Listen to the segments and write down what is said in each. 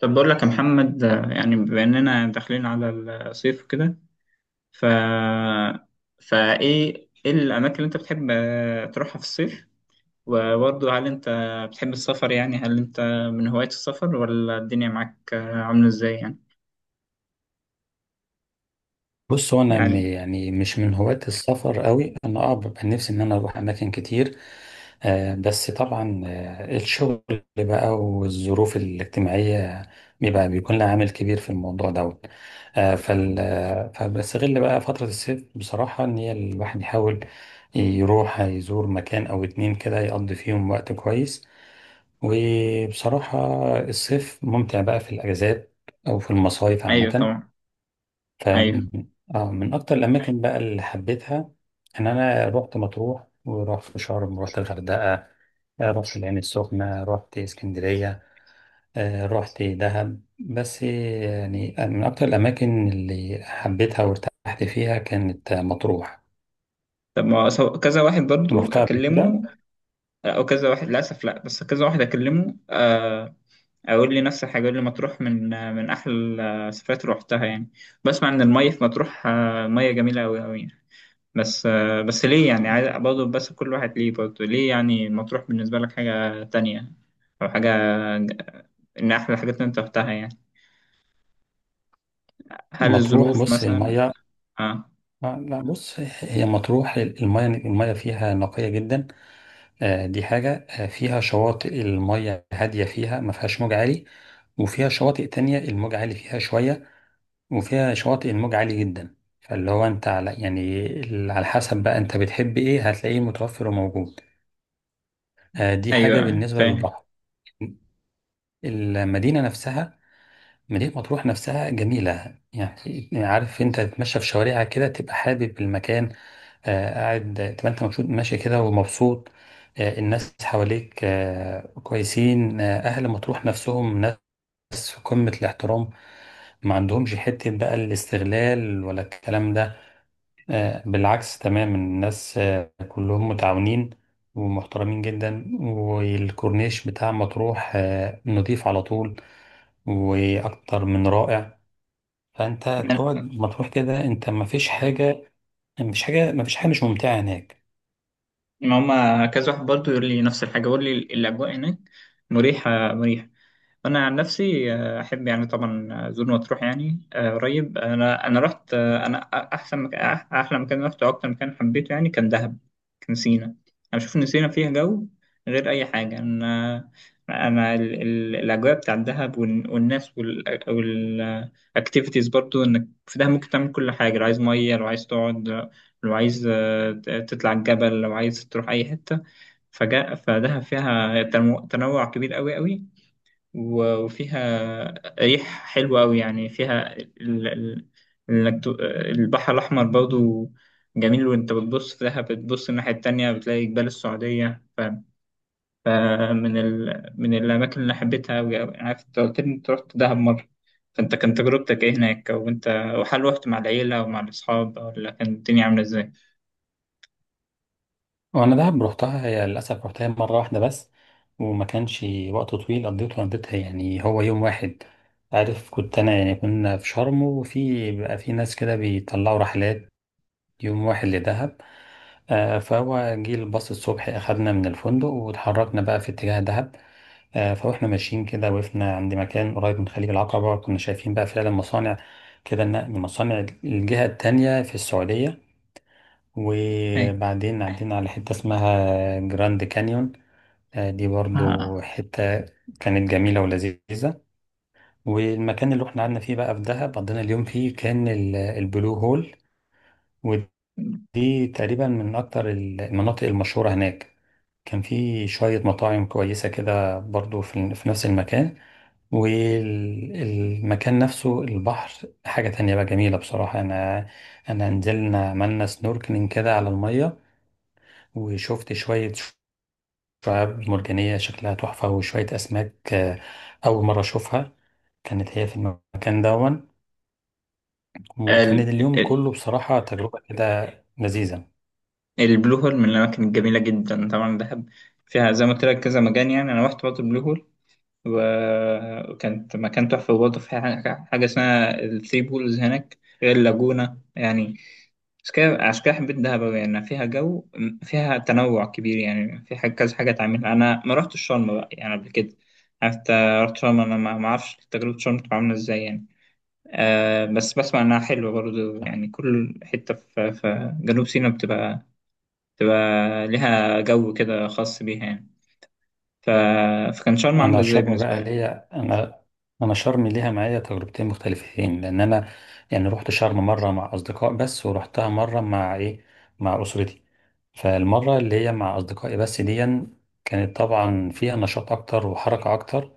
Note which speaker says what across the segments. Speaker 1: طب بقول لك يا محمد، يعني بما اننا داخلين على الصيف وكده. ف فايه ايه الاماكن اللي انت بتحب تروحها في الصيف؟ وبرضه هل انت بتحب السفر؟ يعني هل انت من هواية السفر، ولا الدنيا معاك عاملة ازاي يعني؟
Speaker 2: بص،
Speaker 1: يعني
Speaker 2: يعني مش من هواة السفر قوي، انا ببقى نفسي ان انا اروح اماكن كتير. بس طبعا الشغل بقى، والظروف الاجتماعية بيبقى بيكون لها عامل كبير في الموضوع دوت. آه فال آه، فبستغل بقى فترة الصيف بصراحة، ان هي الواحد يحاول يروح يزور مكان او اتنين كده يقضي فيهم وقت كويس. وبصراحة، الصيف ممتع بقى في الاجازات او في المصايف
Speaker 1: ايوه
Speaker 2: عامة.
Speaker 1: طبعا.
Speaker 2: ف
Speaker 1: ايوه.
Speaker 2: اه من اكتر الاماكن بقى اللي حبيتها ان انا رحت مطروح، ورحت شرم، ورحت الغردقه، رحت العين السخنه، رحت اسكندريه، رحت دهب. بس يعني من اكتر الاماكن اللي حبيتها وارتحت فيها كانت مطروح.
Speaker 1: طب ما هو كذا واحد برضه
Speaker 2: رحتها قبل كده.
Speaker 1: اكلمه، او كذا واحد، للاسف لا، بس كذا واحد اكلمه اقول لي نفس الحاجه، اقول لي مطروح من احلى السفرات اللي روحتها يعني. بسمع ان الميه في مطروح ميه جميله قوي قوي. بس ليه يعني؟ عايز برضه بس كل واحد ليه؟ برضه ليه يعني مطروح بالنسبه لك حاجه تانية، او حاجه، ج- ان احلى حاجات اللي انت روحتها يعني؟ هل
Speaker 2: مطروح،
Speaker 1: الظروف
Speaker 2: بص
Speaker 1: مثلا؟
Speaker 2: الميه،
Speaker 1: اه،
Speaker 2: لا بص هي مطروح الميه فيها نقيه جدا. دي حاجة. فيها شواطئ المية هادية فيها، ما فيهاش موج عالي، وفيها شواطئ تانية الموج عالي فيها شوية، وفيها شواطئ الموج عالي جدا. فاللي هو انت على يعني على حسب بقى انت بتحب ايه هتلاقيه متوفر وموجود. دي حاجة
Speaker 1: ايوه
Speaker 2: بالنسبة
Speaker 1: فاهم.
Speaker 2: للبحر. المدينة نفسها، مدينة مطروح نفسها جميلة، يعني عارف انت تتمشى في شوارعها كده تبقى حابب المكان. قاعد تبقى انت مبسوط ماشي كده ومبسوط. الناس حواليك كويسين. اهل مطروح نفسهم ناس في قمة الاحترام، ما عندهمش حتة بقى الاستغلال ولا الكلام ده. بالعكس تماما، الناس كلهم متعاونين ومحترمين جدا. والكورنيش بتاع مطروح نضيف على طول، وأكتر من رائع. فأنت تقعد
Speaker 1: ما
Speaker 2: مطروح كده أنت مفيش حاجة مش ممتعة هناك.
Speaker 1: ما هما كذا واحد برضه يقول لي نفس الحاجه، يقول لي الاجواء هناك مريحه مريحه. انا عن نفسي احب يعني طبعا زور مطروح يعني قريب. انا رحت انا احسن مكان، احلى مكان رحته واكتر مكان حبيته يعني كان دهب، كان سينا. انا بشوف ان سينا فيها جو غير اي حاجه. انا انا الاجواء بتاع الدهب والناس والاكتيفيتيز، برضو انك في دهب ممكن تعمل كل حاجه. لو عايز ميه، لو عايز تقعد، لو عايز تطلع الجبل، لو عايز تروح اي حته. فجاء فدهب فيها تنوع كبير قوي قوي. وفيها ريح حلوة أوي يعني. فيها ال... ال... إنك ت- البحر الأحمر برضو جميل. وأنت بتبص في دهب، بتبص الناحية التانية بتلاقي جبال السعودية. فمن من الأماكن اللي حبيتها أوي أوي. عارف أنت قلت لي أنت رحت دهب مرة، فأنت كان تجربتك إيه هناك؟ وأنت، وهل رحت مع العيلة ومع الأصحاب، ولا كانت الدنيا عاملة إزاي؟
Speaker 2: وأنا دهب روحتها، هي للأسف روحتها مرة واحدة بس، وما كانش وقت طويل قضيتها، يعني هو يوم واحد. عارف، كنت أنا يعني كنا في شرم، وفي بقى في ناس كده بيطلعوا رحلات يوم واحد لدهب. فهو جه الباص الصبح أخدنا من الفندق، واتحركنا بقى في اتجاه دهب. فاحنا ماشيين كده، وقفنا عند مكان قريب من خليج العقبة، كنا شايفين بقى فعلا مصانع كده، النقل من مصانع الجهة التانية في السعودية.
Speaker 1: إيه؟
Speaker 2: وبعدين عدينا على حتة اسمها جراند كانيون. دي برضو
Speaker 1: آه.
Speaker 2: حتة كانت جميلة ولذيذة. والمكان اللي احنا قعدنا فيه بقى في دهب قضينا اليوم فيه كان البلو هول، ودي تقريبا من أكتر المناطق المشهورة هناك. كان في شوية مطاعم كويسة كده برضو في نفس المكان. والمكان نفسه البحر حاجة تانية بقى جميلة بصراحة. أنا نزلنا عملنا سنوركلينج كده على المية، وشفت شوية شعاب مرجانية شكلها تحفة، وشوية أسماك أول مرة أشوفها كانت هي في المكان دون. وكان اليوم
Speaker 1: ال...
Speaker 2: كله بصراحة تجربة كده لذيذة.
Speaker 1: البلو هول من الأماكن الجميلة جدا. طبعا دهب فيها زي ما قلت لك كذا مكان يعني. أنا رحت برضه البلو هول، وكانت مكان تحفة. وبرضه فيها حاجة، حاجة اسمها الثري بولز هناك، غير اللاجونة يعني. عشان كده، عشان كده حبيت دهب أوي. يعني فيها جو، فيها تنوع كبير، يعني في حاجة كذا حاجة تعملها. أنا ما رحتش شرم بقى يعني قبل كده. عارف أنت؟ رحت شرم، أنا ما أعرفش تجربة شرم تبقى عاملة إزاي يعني. آه، بس بسمع إنها حلوة برضه يعني. كل حتة في جنوب سيناء بتبقى، تبقى ليها جو كده خاص بيها يعني. ف... فكان شرم عاملة
Speaker 2: انا
Speaker 1: ازاي
Speaker 2: شرم
Speaker 1: بالنسبة
Speaker 2: بقى
Speaker 1: لك؟
Speaker 2: ليا، انا شرم ليها معايا تجربتين مختلفتين، لان انا يعني رحت شرم مره مع اصدقاء بس، ورحتها مره مع اسرتي. فالمره اللي هي مع اصدقائي بس دي كانت طبعا فيها نشاط اكتر وحركه اكتر.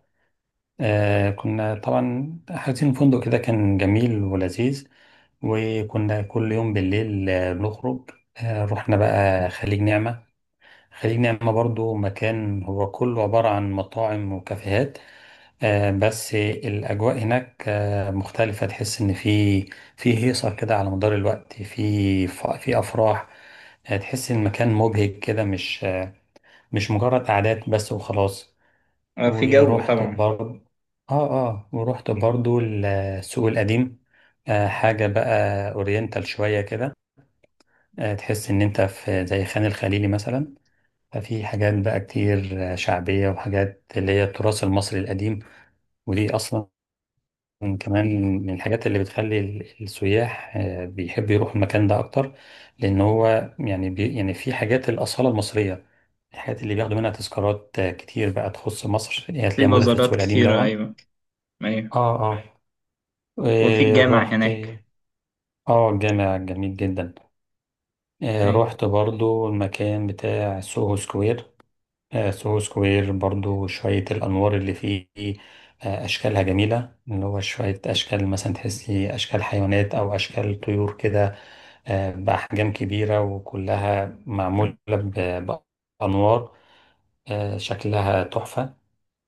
Speaker 2: كنا طبعا حاجزين فندق كده، كان جميل ولذيذ. وكنا كل يوم بالليل بنخرج. رحنا بقى خليج نعمه. خليج نعمه برضو مكان هو كله عباره عن مطاعم وكافيهات. بس الأجواء هناك مختلفة، تحس إن في هيصة كده على مدار الوقت، في في أفراح. تحس إن المكان مبهج كده، مش مش مجرد قعدات بس وخلاص.
Speaker 1: آه، في جو
Speaker 2: ورحت
Speaker 1: طبعا.
Speaker 2: برضه ورحت برضه السوق القديم. حاجة بقى أورينتال شوية كده. تحس إن أنت في زي خان الخليلي مثلا. ففي حاجات بقى كتير شعبية، وحاجات اللي هي التراث المصري القديم. ودي أصلا كمان من الحاجات اللي بتخلي السياح بيحبوا يروحوا المكان ده اكتر، لان هو يعني يعني في حاجات الاصاله المصريه، الحاجات اللي بياخدوا منها تذكارات كتير بقى تخص مصر، هي
Speaker 1: في
Speaker 2: هتلاقيها موجوده في السوق
Speaker 1: بازارات
Speaker 2: القديم
Speaker 1: كتيرة،
Speaker 2: الاول.
Speaker 1: أيوة. أيوة.
Speaker 2: اه. اه.
Speaker 1: وفي
Speaker 2: آه،
Speaker 1: الجامع
Speaker 2: رحت.
Speaker 1: هناك.
Speaker 2: اه، الجامع جميل جدا.
Speaker 1: أيوة.
Speaker 2: رحت برضو المكان بتاع سوهو سكوير. سوهو سكوير برضو شوية الأنوار اللي فيه أشكالها جميلة، اللي هو شوية أشكال مثلا تحسي أشكال حيوانات أو أشكال طيور كده بأحجام كبيرة، وكلها معمولة بأنوار شكلها تحفة.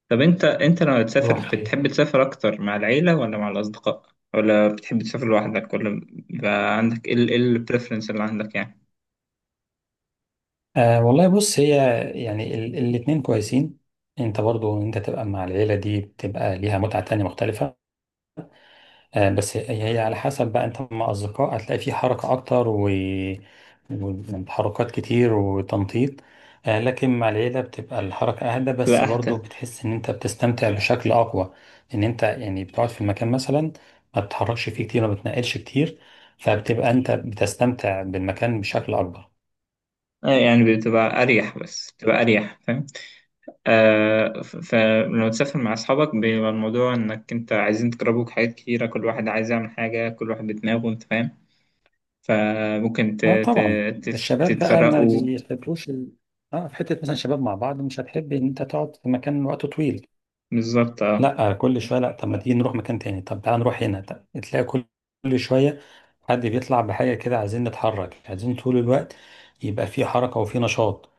Speaker 1: طب أنت لما تسافر
Speaker 2: رحت
Speaker 1: بتحب تسافر أكتر مع العيلة ولا مع الأصدقاء؟ ولا بتحب تسافر لوحدك؟ ولا بيبقى عندك إيه إيه البريفرنس اللي عندك يعني؟
Speaker 2: آه والله، بص هي يعني الاتنين كويسين. انت برضو انت تبقى مع العيلة دي بتبقى ليها متعة تانية مختلفة. بس هي على حسب بقى، انت مع اصدقاء هتلاقي في حركة اكتر وتحركات كتير وتنطيط. لكن مع العيلة بتبقى الحركة اهدى،
Speaker 1: بتبقى
Speaker 2: بس برضو
Speaker 1: أهدى.
Speaker 2: بتحس ان انت بتستمتع بشكل اقوى، ان انت يعني بتقعد في المكان مثلا، ما بتتحركش فيه كتير ما بتنقلش كتير، فبتبقى انت بتستمتع بالمكان بشكل اكبر.
Speaker 1: آه، يعني بتبقى أريح، بس بتبقى أريح فاهم؟ آه، فلما تسافر مع أصحابك بيبقى الموضوع إنك أنت عايزين تجربوا حاجات كتيرة، كل واحد عايز يعمل حاجة، كل واحد بدماغه أنت فاهم. فممكن
Speaker 2: اه طبعا. الشباب بقى ما
Speaker 1: تتفرقوا.
Speaker 2: بيحبوش اه، في حتة مثلا شباب مع بعض مش هتحب ان انت تقعد في مكان وقت طويل.
Speaker 1: بالظبط أه.
Speaker 2: لا كل شويه، لا، طب ما تيجي نروح مكان تاني، طب تعالى نروح هنا، طب تلاقي كل شويه حد بيطلع بحاجه كده، عايزين نتحرك، عايزين طول الوقت يبقى في حركه وفي نشاط.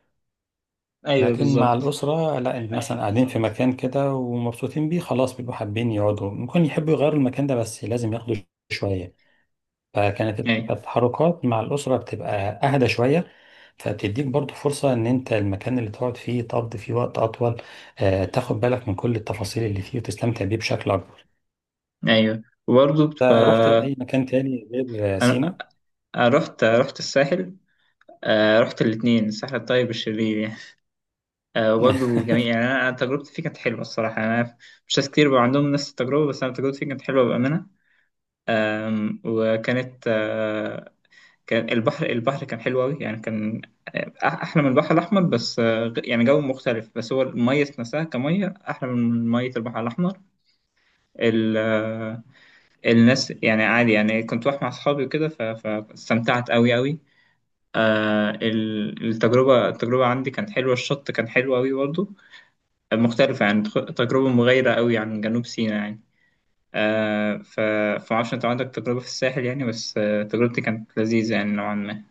Speaker 1: أيوه
Speaker 2: لكن مع
Speaker 1: بالظبط.
Speaker 2: الاسره لا، إن مثلا قاعدين في مكان كده ومبسوطين بيه خلاص، بيبقوا حابين يقعدوا، ممكن يحبوا يغيروا المكان ده بس لازم ياخدوا شويه. فكانت
Speaker 1: أيوه.
Speaker 2: التحركات مع الاسره بتبقى اهدى شويه، فبتديك برضو فرصة إن أنت المكان اللي تقعد فيه تقضي فيه وقت أطول، تاخد بالك من كل التفاصيل اللي فيه وتستمتع بيه بشكل أكبر.
Speaker 1: أيوه وبرضه
Speaker 2: رحت
Speaker 1: بتبقى.
Speaker 2: اي مكان تاني غير
Speaker 1: أنا،
Speaker 2: سينا؟
Speaker 1: أنا رحت الساحل. آه، رحت الاتنين، الساحل الطيب والشرير يعني. آه، وبرضه جميل يعني. أنا تجربتي فيه كانت حلوة الصراحة. أنا مش ناس كتير بقى عندهم نفس التجربة، بس أنا تجربتي فيه كانت حلوة بأمانة. آم، وكانت آه، كان البحر كان حلو أوي يعني، كان آه، أحلى من البحر الأحمر، بس آه، يعني جو مختلف، بس هو المية نفسها كمية أحلى من مية البحر الأحمر. ال- آه، الناس يعني عادي يعني. كنت رايح مع أصحابي وكده فاستمتعت أوي أوي. آه، التجربة عندي كانت حلوة. الشط كان حلو أوي برضه. مختلفة يعني، تجربة مغايرة أوي عن جنوب سيناء يعني. آه، فمعرفش أنت عندك تجربة في الساحل يعني، بس آه، تجربتي كانت لذيذة يعني نوعا ما.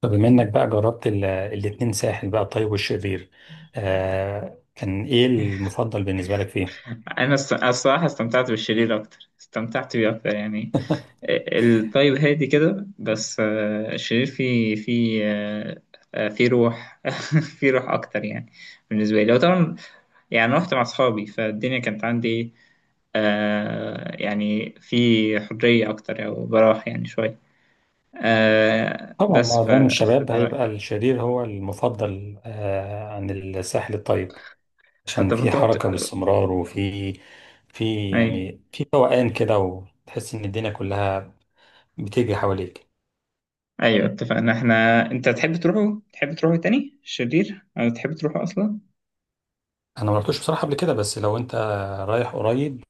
Speaker 2: طب بما انك بقى جربت الاتنين، ساحل بقى الطيب والشرير، كان ايه المفضل بالنسبة لك فيه؟
Speaker 1: انا الصراحه استمتعت بالشرير اكتر، استمتعت بيه اكتر يعني. الطيب هادي كده، بس آه، الشرير فيه فيه آه، آه، فيه روح. فيه روح اكتر يعني بالنسبه لي. وطبعا يعني رحت مع اصحابي، فالدنيا كانت عندي إيه، آه، يعني في حريه اكتر او براح يعني شويه. آه،
Speaker 2: طبعا
Speaker 1: بس
Speaker 2: معظم الشباب
Speaker 1: فده رأيي.
Speaker 2: هيبقى الشرير هو المفضل عن الساحل الطيب، عشان
Speaker 1: حتى
Speaker 2: في
Speaker 1: كنت رحت.
Speaker 2: حركة باستمرار، وفي في
Speaker 1: اي
Speaker 2: يعني في فوقان كده، وتحس ان الدنيا كلها بتجري حواليك.
Speaker 1: ايوه اتفقنا احنا، انت تحب تروحوا تاني الشرير، او تحب تروحوا اصلا؟
Speaker 2: انا ما رحتوش بصراحة قبل كده، بس لو انت رايح قريب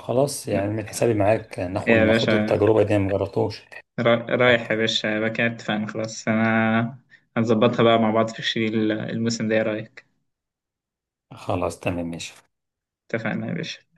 Speaker 2: خلاص، يعني
Speaker 1: لا،
Speaker 2: من حسابي معاك، ناخد
Speaker 1: يا باشا،
Speaker 2: التجربة دي، أنا ما جربتوش.
Speaker 1: رايح يا باشا. يبقى كده اتفقنا خلاص، انا هنظبطها بقى مع بعض في الشيل الموسم ده، ايه رايك؟
Speaker 2: خلاص تمام ماشي.
Speaker 1: اتفقنا يا باشا.